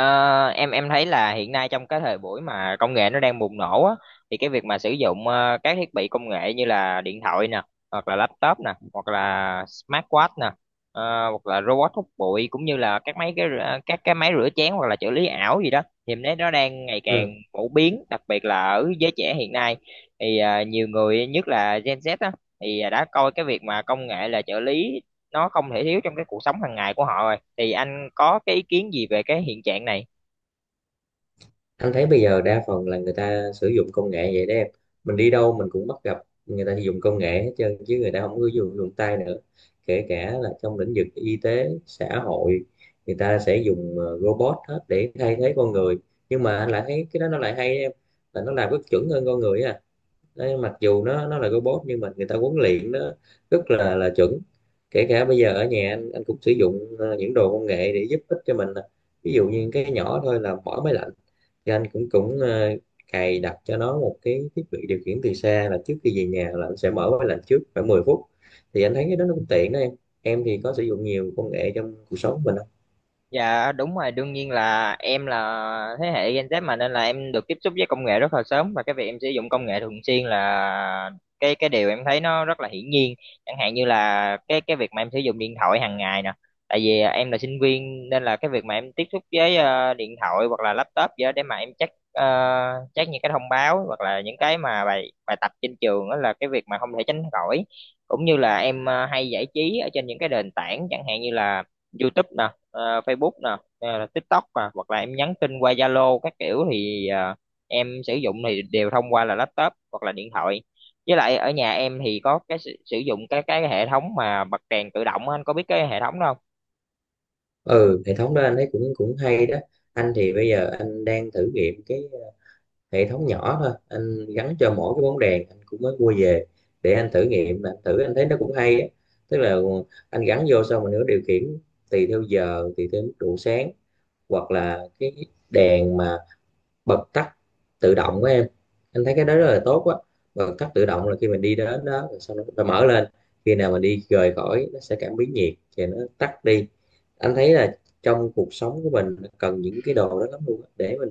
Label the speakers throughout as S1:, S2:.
S1: Ờ, em thấy là hiện nay trong cái thời buổi mà công nghệ nó đang bùng nổ á, thì cái việc mà sử dụng các thiết bị công nghệ như là điện thoại nè, hoặc là laptop nè, hoặc là smartwatch nè, ờ, hoặc là robot hút bụi cũng như là các cái máy rửa chén hoặc là trợ lý ảo gì đó, thì em thấy nó đang ngày càng
S2: Ừ.
S1: phổ biến, đặc biệt là ở giới trẻ hiện nay. Thì nhiều người nhất là Gen Z á, thì đã coi cái việc mà công nghệ là trợ lý, nó không thể thiếu trong cái cuộc sống hàng ngày của họ rồi. Thì anh có cái ý kiến gì về cái hiện trạng này?
S2: Anh thấy bây giờ đa phần là người ta sử dụng công nghệ vậy đó em, mình đi đâu mình cũng bắt gặp người ta dùng công nghệ hết trơn chứ người ta không có dùng dùng tay nữa, kể cả là trong lĩnh vực y tế xã hội người ta sẽ dùng robot hết để thay thế con người. Nhưng mà anh lại thấy cái đó nó lại hay đó em, là nó làm rất chuẩn hơn con người á. Đấy, mặc dù nó là robot nhưng mà người ta huấn luyện nó rất là chuẩn. Kể cả bây giờ ở nhà anh cũng sử dụng những đồ công nghệ để giúp ích cho mình nè. Ví dụ như cái nhỏ thôi là mở máy lạnh, thì anh cũng cũng ờ, cài đặt cho nó một cái thiết bị điều khiển từ xa, là trước khi về nhà là anh sẽ mở máy lạnh trước khoảng 10 phút, thì anh thấy cái đó nó cũng tiện đó em. Em thì có sử dụng nhiều công nghệ trong cuộc sống của mình không?
S1: Dạ đúng rồi, đương nhiên là em là thế hệ Gen Z mà nên là em được tiếp xúc với công nghệ rất là sớm, và cái việc em sử dụng công nghệ thường xuyên là cái điều em thấy nó rất là hiển nhiên. Chẳng hạn như là cái việc mà em sử dụng điện thoại hàng ngày nè. Tại vì à, em là sinh viên nên là cái việc mà em tiếp xúc với điện thoại hoặc là laptop gì đó để mà em check check những cái thông báo hoặc là những cái mà bài bài tập trên trường, đó là cái việc mà không thể tránh khỏi. Cũng như là em hay giải trí ở trên những cái nền tảng chẳng hạn như là YouTube nè, Facebook nè, hay TikTok nè, hoặc là em nhắn tin qua Zalo các kiểu, thì em sử dụng thì đều thông qua là laptop hoặc là điện thoại. Với lại ở nhà em thì có cái sử sử dụng cái hệ thống mà bật đèn tự động á, anh có biết cái hệ thống đó không?
S2: Ừ, hệ thống đó anh thấy cũng cũng hay đó. Anh thì bây giờ anh đang thử nghiệm cái hệ thống nhỏ thôi, anh gắn cho mỗi cái bóng đèn anh cũng mới mua về để anh thử nghiệm, anh thử anh thấy nó cũng hay á. Tức là anh gắn vô xong mình nữa điều khiển tùy theo giờ, tùy theo mức độ sáng, hoặc là cái đèn mà bật tắt tự động của em. Anh thấy cái đó rất là tốt á. Bật tắt tự động là khi mình đi đến đó rồi sau đó nó mở lên, khi nào mình đi rời khỏi nó sẽ cảm biến nhiệt thì nó tắt đi. Anh thấy là trong cuộc sống của mình cần những cái đồ đó lắm luôn á, để mình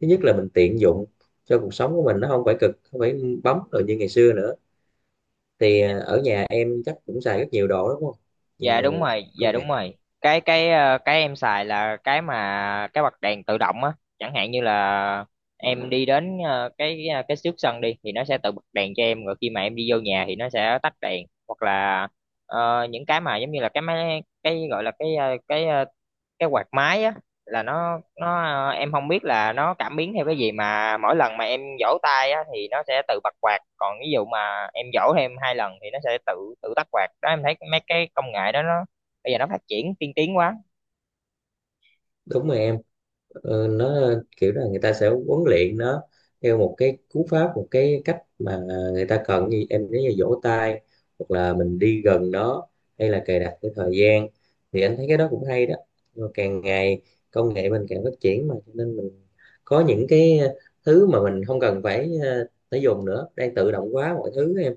S2: thứ nhất là mình tiện dụng cho cuộc sống của mình, nó không phải cực, không phải bấm rồi như ngày xưa nữa. Thì ở nhà em chắc cũng xài rất nhiều đồ đúng không? Nhiều
S1: Dạ đúng
S2: đồ
S1: rồi, dạ
S2: công nghệ.
S1: đúng rồi, cái em xài là cái mà cái bật đèn tự động á. Chẳng hạn như là em đi đến cái trước sân đi thì nó sẽ tự bật đèn cho em, rồi khi mà em đi vô nhà thì nó sẽ tắt đèn. Hoặc là những cái mà giống như là cái máy, cái gọi là cái quạt máy á, là nó em không biết là nó cảm biến theo cái gì mà mỗi lần mà em vỗ tay á, thì nó sẽ tự bật quạt, còn ví dụ mà em vỗ thêm hai lần thì nó sẽ tự tự tắt quạt đó. Em thấy mấy cái công nghệ đó nó bây giờ nó phát triển tiên tiến quá.
S2: Đúng rồi em. Nó kiểu là người ta sẽ huấn luyện nó theo một cái cú pháp, một cái cách mà người ta cần, như em nói là vỗ tay, hoặc là mình đi gần nó, hay là cài đặt cái thời gian, thì anh thấy cái đó cũng hay đó. Rồi càng ngày công nghệ mình càng phát triển, mà cho nên mình có những cái thứ mà mình không cần phải phải dùng nữa, đang tự động hóa mọi thứ em.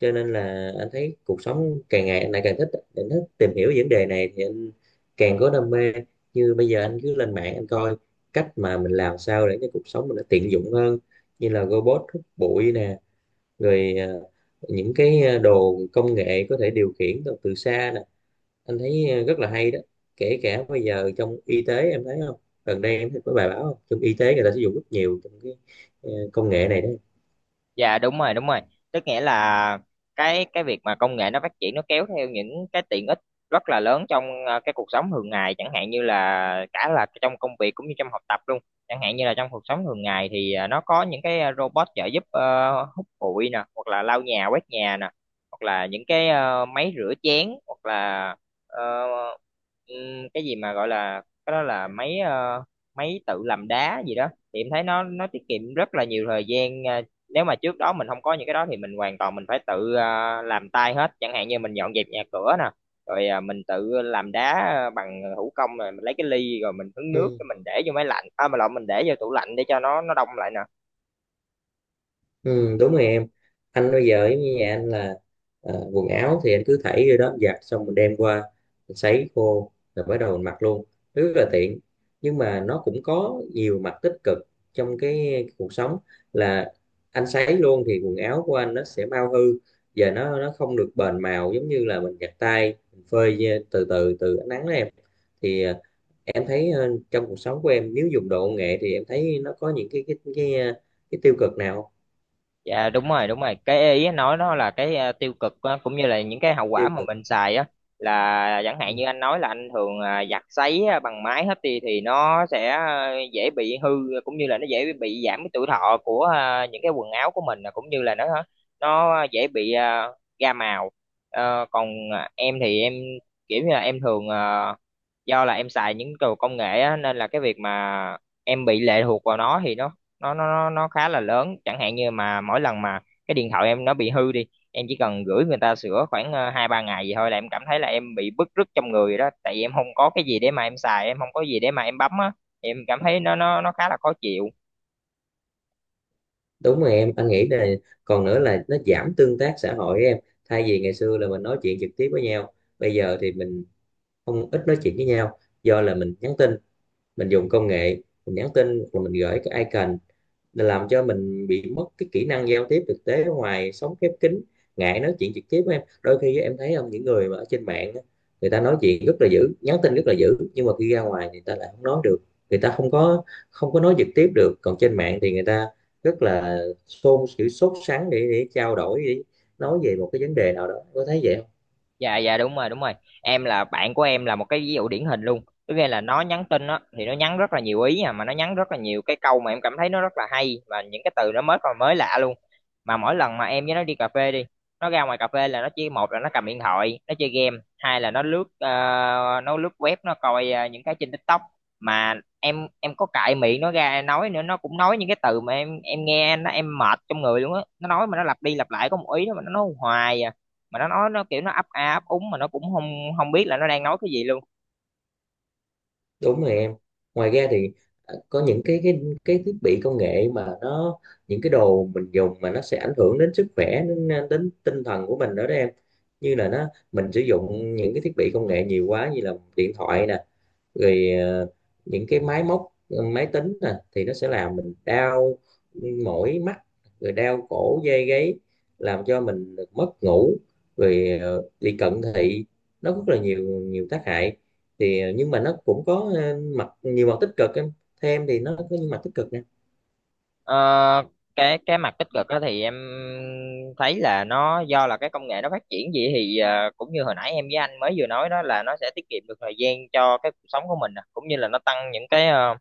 S2: Cho nên là anh thấy cuộc sống càng ngày anh lại càng thích, anh thích tìm hiểu vấn đề này thì anh càng có đam mê. Như bây giờ anh cứ lên mạng anh coi cách mà mình làm sao để cho cuộc sống mình nó tiện dụng hơn, như là robot hút bụi nè, rồi những cái đồ công nghệ có thể điều khiển từ xa nè, anh thấy rất là hay đó. Kể cả bây giờ trong y tế em thấy không, gần đây em thấy có bài báo không, trong y tế người ta sử dụng rất nhiều trong cái công nghệ này đấy.
S1: Dạ đúng rồi đúng rồi, tức nghĩa là cái việc mà công nghệ nó phát triển nó kéo theo những cái tiện ích rất là lớn trong cái cuộc sống thường ngày, chẳng hạn như là cả là trong công việc cũng như trong học tập luôn. Chẳng hạn như là trong cuộc sống thường ngày thì nó có những cái robot trợ giúp hút bụi nè, hoặc là lau nhà quét nhà nè, hoặc là những cái máy rửa chén, hoặc là ờ, cái gì mà gọi là cái đó là máy tự làm đá gì đó, thì em thấy nó tiết kiệm rất là nhiều thời gian. Ờ, Nếu mà trước đó mình không có những cái đó thì mình hoàn toàn mình phải tự à, làm tay hết, chẳng hạn như mình dọn dẹp nhà cửa nè, rồi à, mình tự làm đá à, bằng thủ công, rồi mình lấy cái ly rồi mình hứng nước
S2: Ừ.
S1: cái mình để vô máy lạnh, à mà lộn, mình để vô tủ lạnh để cho nó đông lại nè.
S2: Ừ, đúng rồi em. Anh bây giờ giống như nhà anh là quần áo thì anh cứ thảy vô đó giặt, xong mình đem qua mình sấy khô rồi bắt đầu mình mặc luôn, rất là tiện. Nhưng mà nó cũng có nhiều mặt tích cực trong cái cuộc sống, là anh sấy luôn thì quần áo của anh nó sẽ mau hư, và nó không được bền màu, giống như là mình giặt tay mình phơi từ từ từ ánh nắng đó em. Thì em thấy trong cuộc sống của em nếu dùng đồ công nghệ thì em thấy nó có những cái tiêu cực nào không?
S1: Dạ đúng rồi đúng rồi, cái ý anh nói nó là cái à, tiêu cực á, cũng như là những cái hậu quả
S2: Tiêu
S1: mà
S2: cực.
S1: mình xài á, là chẳng hạn như
S2: Ừ.
S1: anh nói là anh thường à, giặt sấy à, bằng máy hết đi thì nó sẽ à, dễ bị hư, cũng như là nó dễ bị giảm cái tuổi thọ của à, những cái quần áo của mình, à, cũng như là nó dễ bị à, ra màu. Ờ, còn à, em thì em kiểu như là em thường à, do là em xài những đồ công nghệ á, nên là cái việc mà em bị lệ thuộc vào nó thì nó khá là lớn. Chẳng hạn như mà mỗi lần mà cái điện thoại em nó bị hư đi, em chỉ cần gửi người ta sửa khoảng hai ba ngày gì thôi là em cảm thấy là em bị bứt rứt trong người rồi đó, tại vì em không có cái gì để mà em xài, em không có gì để mà em bấm á, em cảm thấy nó khá là khó chịu.
S2: Đúng rồi em, anh nghĩ là còn nữa là nó giảm tương tác xã hội em. Thay vì ngày xưa là mình nói chuyện trực tiếp với nhau, bây giờ thì mình không ít nói chuyện với nhau, do là mình nhắn tin, mình dùng công nghệ, mình nhắn tin rồi mình gửi cái icon, là làm cho mình bị mất cái kỹ năng giao tiếp thực tế ở ngoài, sống khép kín, ngại nói chuyện trực tiếp với em. Đôi khi em thấy không, những người mà ở trên mạng á, người ta nói chuyện rất là dữ, nhắn tin rất là dữ, nhưng mà khi ra ngoài thì người ta lại không nói được, người ta không có nói trực tiếp được, còn trên mạng thì người ta rất là xôn xỉu sốt sắng để trao đổi, để nói về một cái vấn đề nào đó, có thấy vậy không?
S1: Dạ dạ đúng rồi đúng rồi, em là bạn của em là một cái ví dụ điển hình luôn. Tức nghĩa là nó nhắn tin á thì nó nhắn rất là nhiều ý, à mà nó nhắn rất là nhiều cái câu mà em cảm thấy nó rất là hay và những cái từ nó mới còn mới lạ luôn. Mà mỗi lần mà em với nó đi cà phê đi, nó ra ngoài cà phê là nó chỉ, một là nó cầm điện thoại nó chơi game, hai là nó lướt nó lướt web, nó coi những cái trên TikTok. Mà em có cãi miệng nó ra nói nữa, nó cũng nói những cái từ mà em nghe nó em mệt trong người luôn á, nó nói mà nó lặp đi lặp lại có một ý đó mà nó nói hoài à, mà nó nói nó kiểu nó ấp a ấp úng mà nó cũng không không biết là nó đang nói cái gì luôn.
S2: Đúng rồi em. Ngoài ra thì có những cái thiết bị công nghệ mà nó, những cái đồ mình dùng mà nó sẽ ảnh hưởng đến sức khỏe, đến tinh thần của mình nữa đó em. Như là nó, mình sử dụng những cái thiết bị công nghệ nhiều quá, như là điện thoại nè, rồi những cái máy móc máy tính nè, thì nó sẽ làm mình đau mỏi mắt, rồi đau cổ dây gáy, làm cho mình mất ngủ, rồi bị cận thị, nó rất là nhiều nhiều tác hại. Thì nhưng mà nó cũng có ờ, mặt nhiều mặt tích cực em, theo em thì nó có những mặt tích cực nè?
S1: ờ, cái mặt tích cực đó thì em thấy là nó do là cái công nghệ nó phát triển gì thì cũng như hồi nãy em với anh mới vừa nói đó, là nó sẽ tiết kiệm được thời gian cho cái cuộc sống của mình nè, cũng như là nó tăng những cái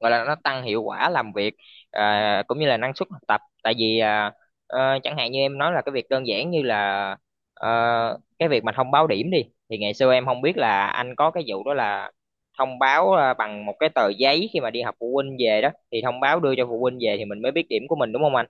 S1: gọi là nó tăng hiệu quả làm việc, à, cũng như là năng suất học tập. Tại vì à, chẳng hạn như em nói là cái việc đơn giản như là ờ, cái việc mà thông báo điểm đi, thì ngày xưa em không biết là anh có cái vụ đó, là thông báo à, bằng một cái tờ giấy khi mà đi học phụ huynh về đó, thì thông báo đưa cho phụ huynh về thì mình mới biết điểm của mình, đúng không anh?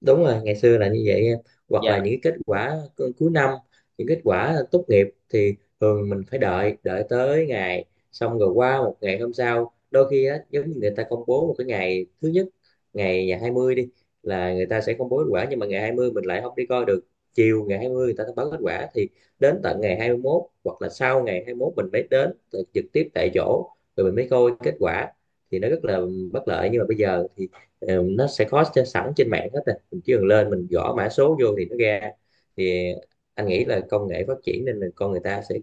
S2: Đúng rồi, ngày xưa là như vậy em, hoặc
S1: Dạ.
S2: là những cái kết quả cuối năm, những kết quả tốt nghiệp thì thường mình phải đợi đợi tới ngày, xong rồi qua một ngày hôm sau, đôi khi á giống như người ta công bố một cái ngày thứ nhất, ngày ngày 20 đi, là người ta sẽ công bố kết quả, nhưng mà ngày 20 mình lại không đi coi được. Chiều ngày 20 người ta thông báo kết quả, thì đến tận ngày 21 hoặc là sau ngày 21 mình mới đến trực tiếp tại chỗ rồi mình mới coi kết quả. Thì nó rất là bất lợi, nhưng mà bây giờ thì nó sẽ có sẵn trên mạng hết rồi, mình chỉ cần lên mình gõ mã số vô thì nó ra. Thì anh nghĩ là công nghệ phát triển nên là con người ta sẽ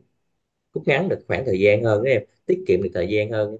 S2: rút ngắn được khoảng thời gian hơn đó em, tiết kiệm được thời gian hơn.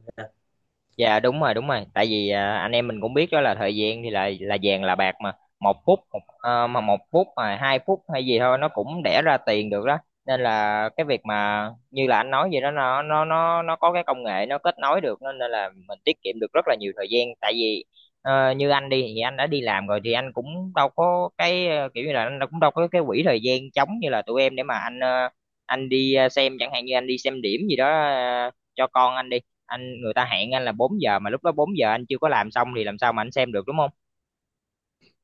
S1: Dạ đúng rồi đúng rồi, tại vì à, anh em mình cũng biết đó, là thời gian thì là vàng là bạc mà, một phút một, mà một phút mà hai phút hay gì thôi nó cũng đẻ ra tiền được đó. Nên là cái việc mà như là anh nói vậy đó, nó có cái công nghệ nó kết nối được nên nên là mình tiết kiệm được rất là nhiều thời gian. Tại vì như anh đi thì anh đã đi làm rồi thì anh cũng đâu có cái kiểu như là anh cũng đâu có cái quỹ thời gian trống như là tụi em, để mà anh anh đi xem, chẳng hạn như anh đi xem điểm gì đó cho con anh đi, anh người ta hẹn anh là 4 giờ mà lúc đó 4 giờ anh chưa có làm xong thì làm sao mà anh xem được, đúng không?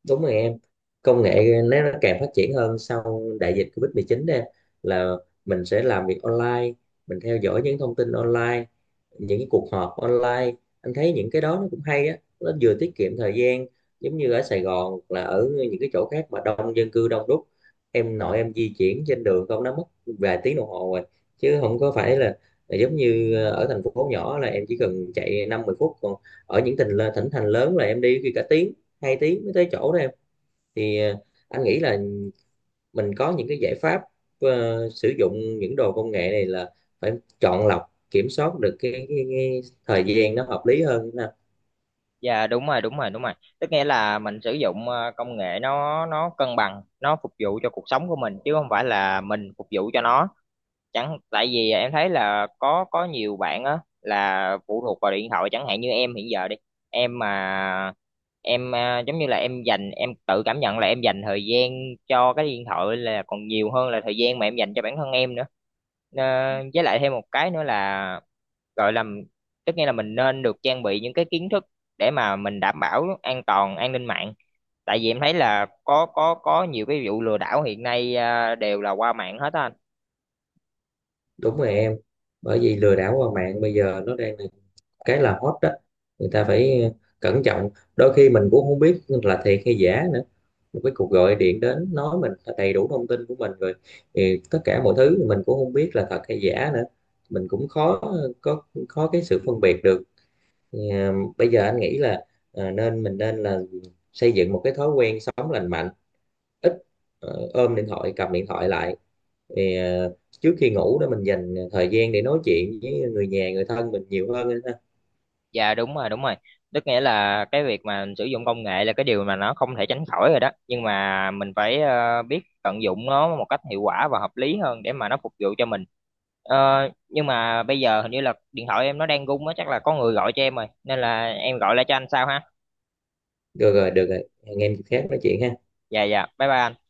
S2: Đúng rồi em, công nghệ nó càng phát triển hơn sau đại dịch Covid-19 mười đây, là mình sẽ làm việc online, mình theo dõi những thông tin online, những cái cuộc họp online, anh thấy những cái đó nó cũng hay á, nó vừa tiết kiệm thời gian. Giống như ở Sài Gòn hoặc là ở những cái chỗ khác mà đông dân cư đông đúc, em nội em di chuyển trên đường không nó mất vài tiếng đồng hồ rồi, chứ không có phải là giống như ở thành phố nhỏ là em chỉ cần chạy năm mười phút, còn ở những tỉnh thỉnh thành lớn là em đi khi cả tiếng hai tiếng mới tới chỗ đó em. Thì anh nghĩ là mình có những cái giải pháp sử dụng những đồ công nghệ này là phải chọn lọc, kiểm soát được cái thời gian nó hợp lý hơn ha.
S1: Dạ đúng rồi đúng rồi đúng rồi. Tức nghĩa là mình sử dụng công nghệ nó cân bằng, nó phục vụ cho cuộc sống của mình chứ không phải là mình phục vụ cho nó. Chẳng tại vì em thấy là có nhiều bạn á là phụ thuộc vào điện thoại, chẳng hạn như em hiện giờ đi, em mà em à, giống như là em dành, em tự cảm nhận là em dành thời gian cho cái điện thoại là còn nhiều hơn là thời gian mà em dành cho bản thân em nữa. Ờ, với lại thêm một cái nữa là gọi là tất nhiên là mình nên được trang bị những cái kiến thức để mà mình đảm bảo an toàn an ninh mạng, tại vì em thấy là có nhiều cái vụ lừa đảo hiện nay à, đều là qua mạng hết á anh.
S2: Đúng rồi em. Bởi vì lừa đảo qua mạng bây giờ nó đang là cái là hot đó, người ta phải cẩn trọng, đôi khi mình cũng không biết là thiệt hay giả nữa, một cái cuộc gọi điện đến nói mình là đầy đủ thông tin của mình rồi, thì tất cả mọi thứ mình cũng không biết là thật hay giả nữa, mình cũng khó có, khó cái sự phân biệt được. Thì, à, Bây giờ anh nghĩ là nên mình nên là xây dựng một cái thói quen sống lành mạnh, ít ôm điện thoại, cầm điện thoại lại, thì, à, trước khi ngủ đó mình dành thời gian để nói chuyện với người nhà người thân mình nhiều hơn ha.
S1: Dạ đúng rồi đúng rồi, tức nghĩa là cái việc mà mình sử dụng công nghệ là cái điều mà nó không thể tránh khỏi rồi đó, nhưng mà mình phải biết tận dụng nó một cách hiệu quả và hợp lý hơn để mà nó phục vụ cho mình. Ờ, nhưng mà bây giờ hình như là điện thoại em nó đang rung á, chắc là có người gọi cho em rồi, nên là em gọi lại cho anh sau ha.
S2: Được rồi được rồi, hẹn em dịp khác nói chuyện ha.
S1: Dạ dạ, bye bye anh.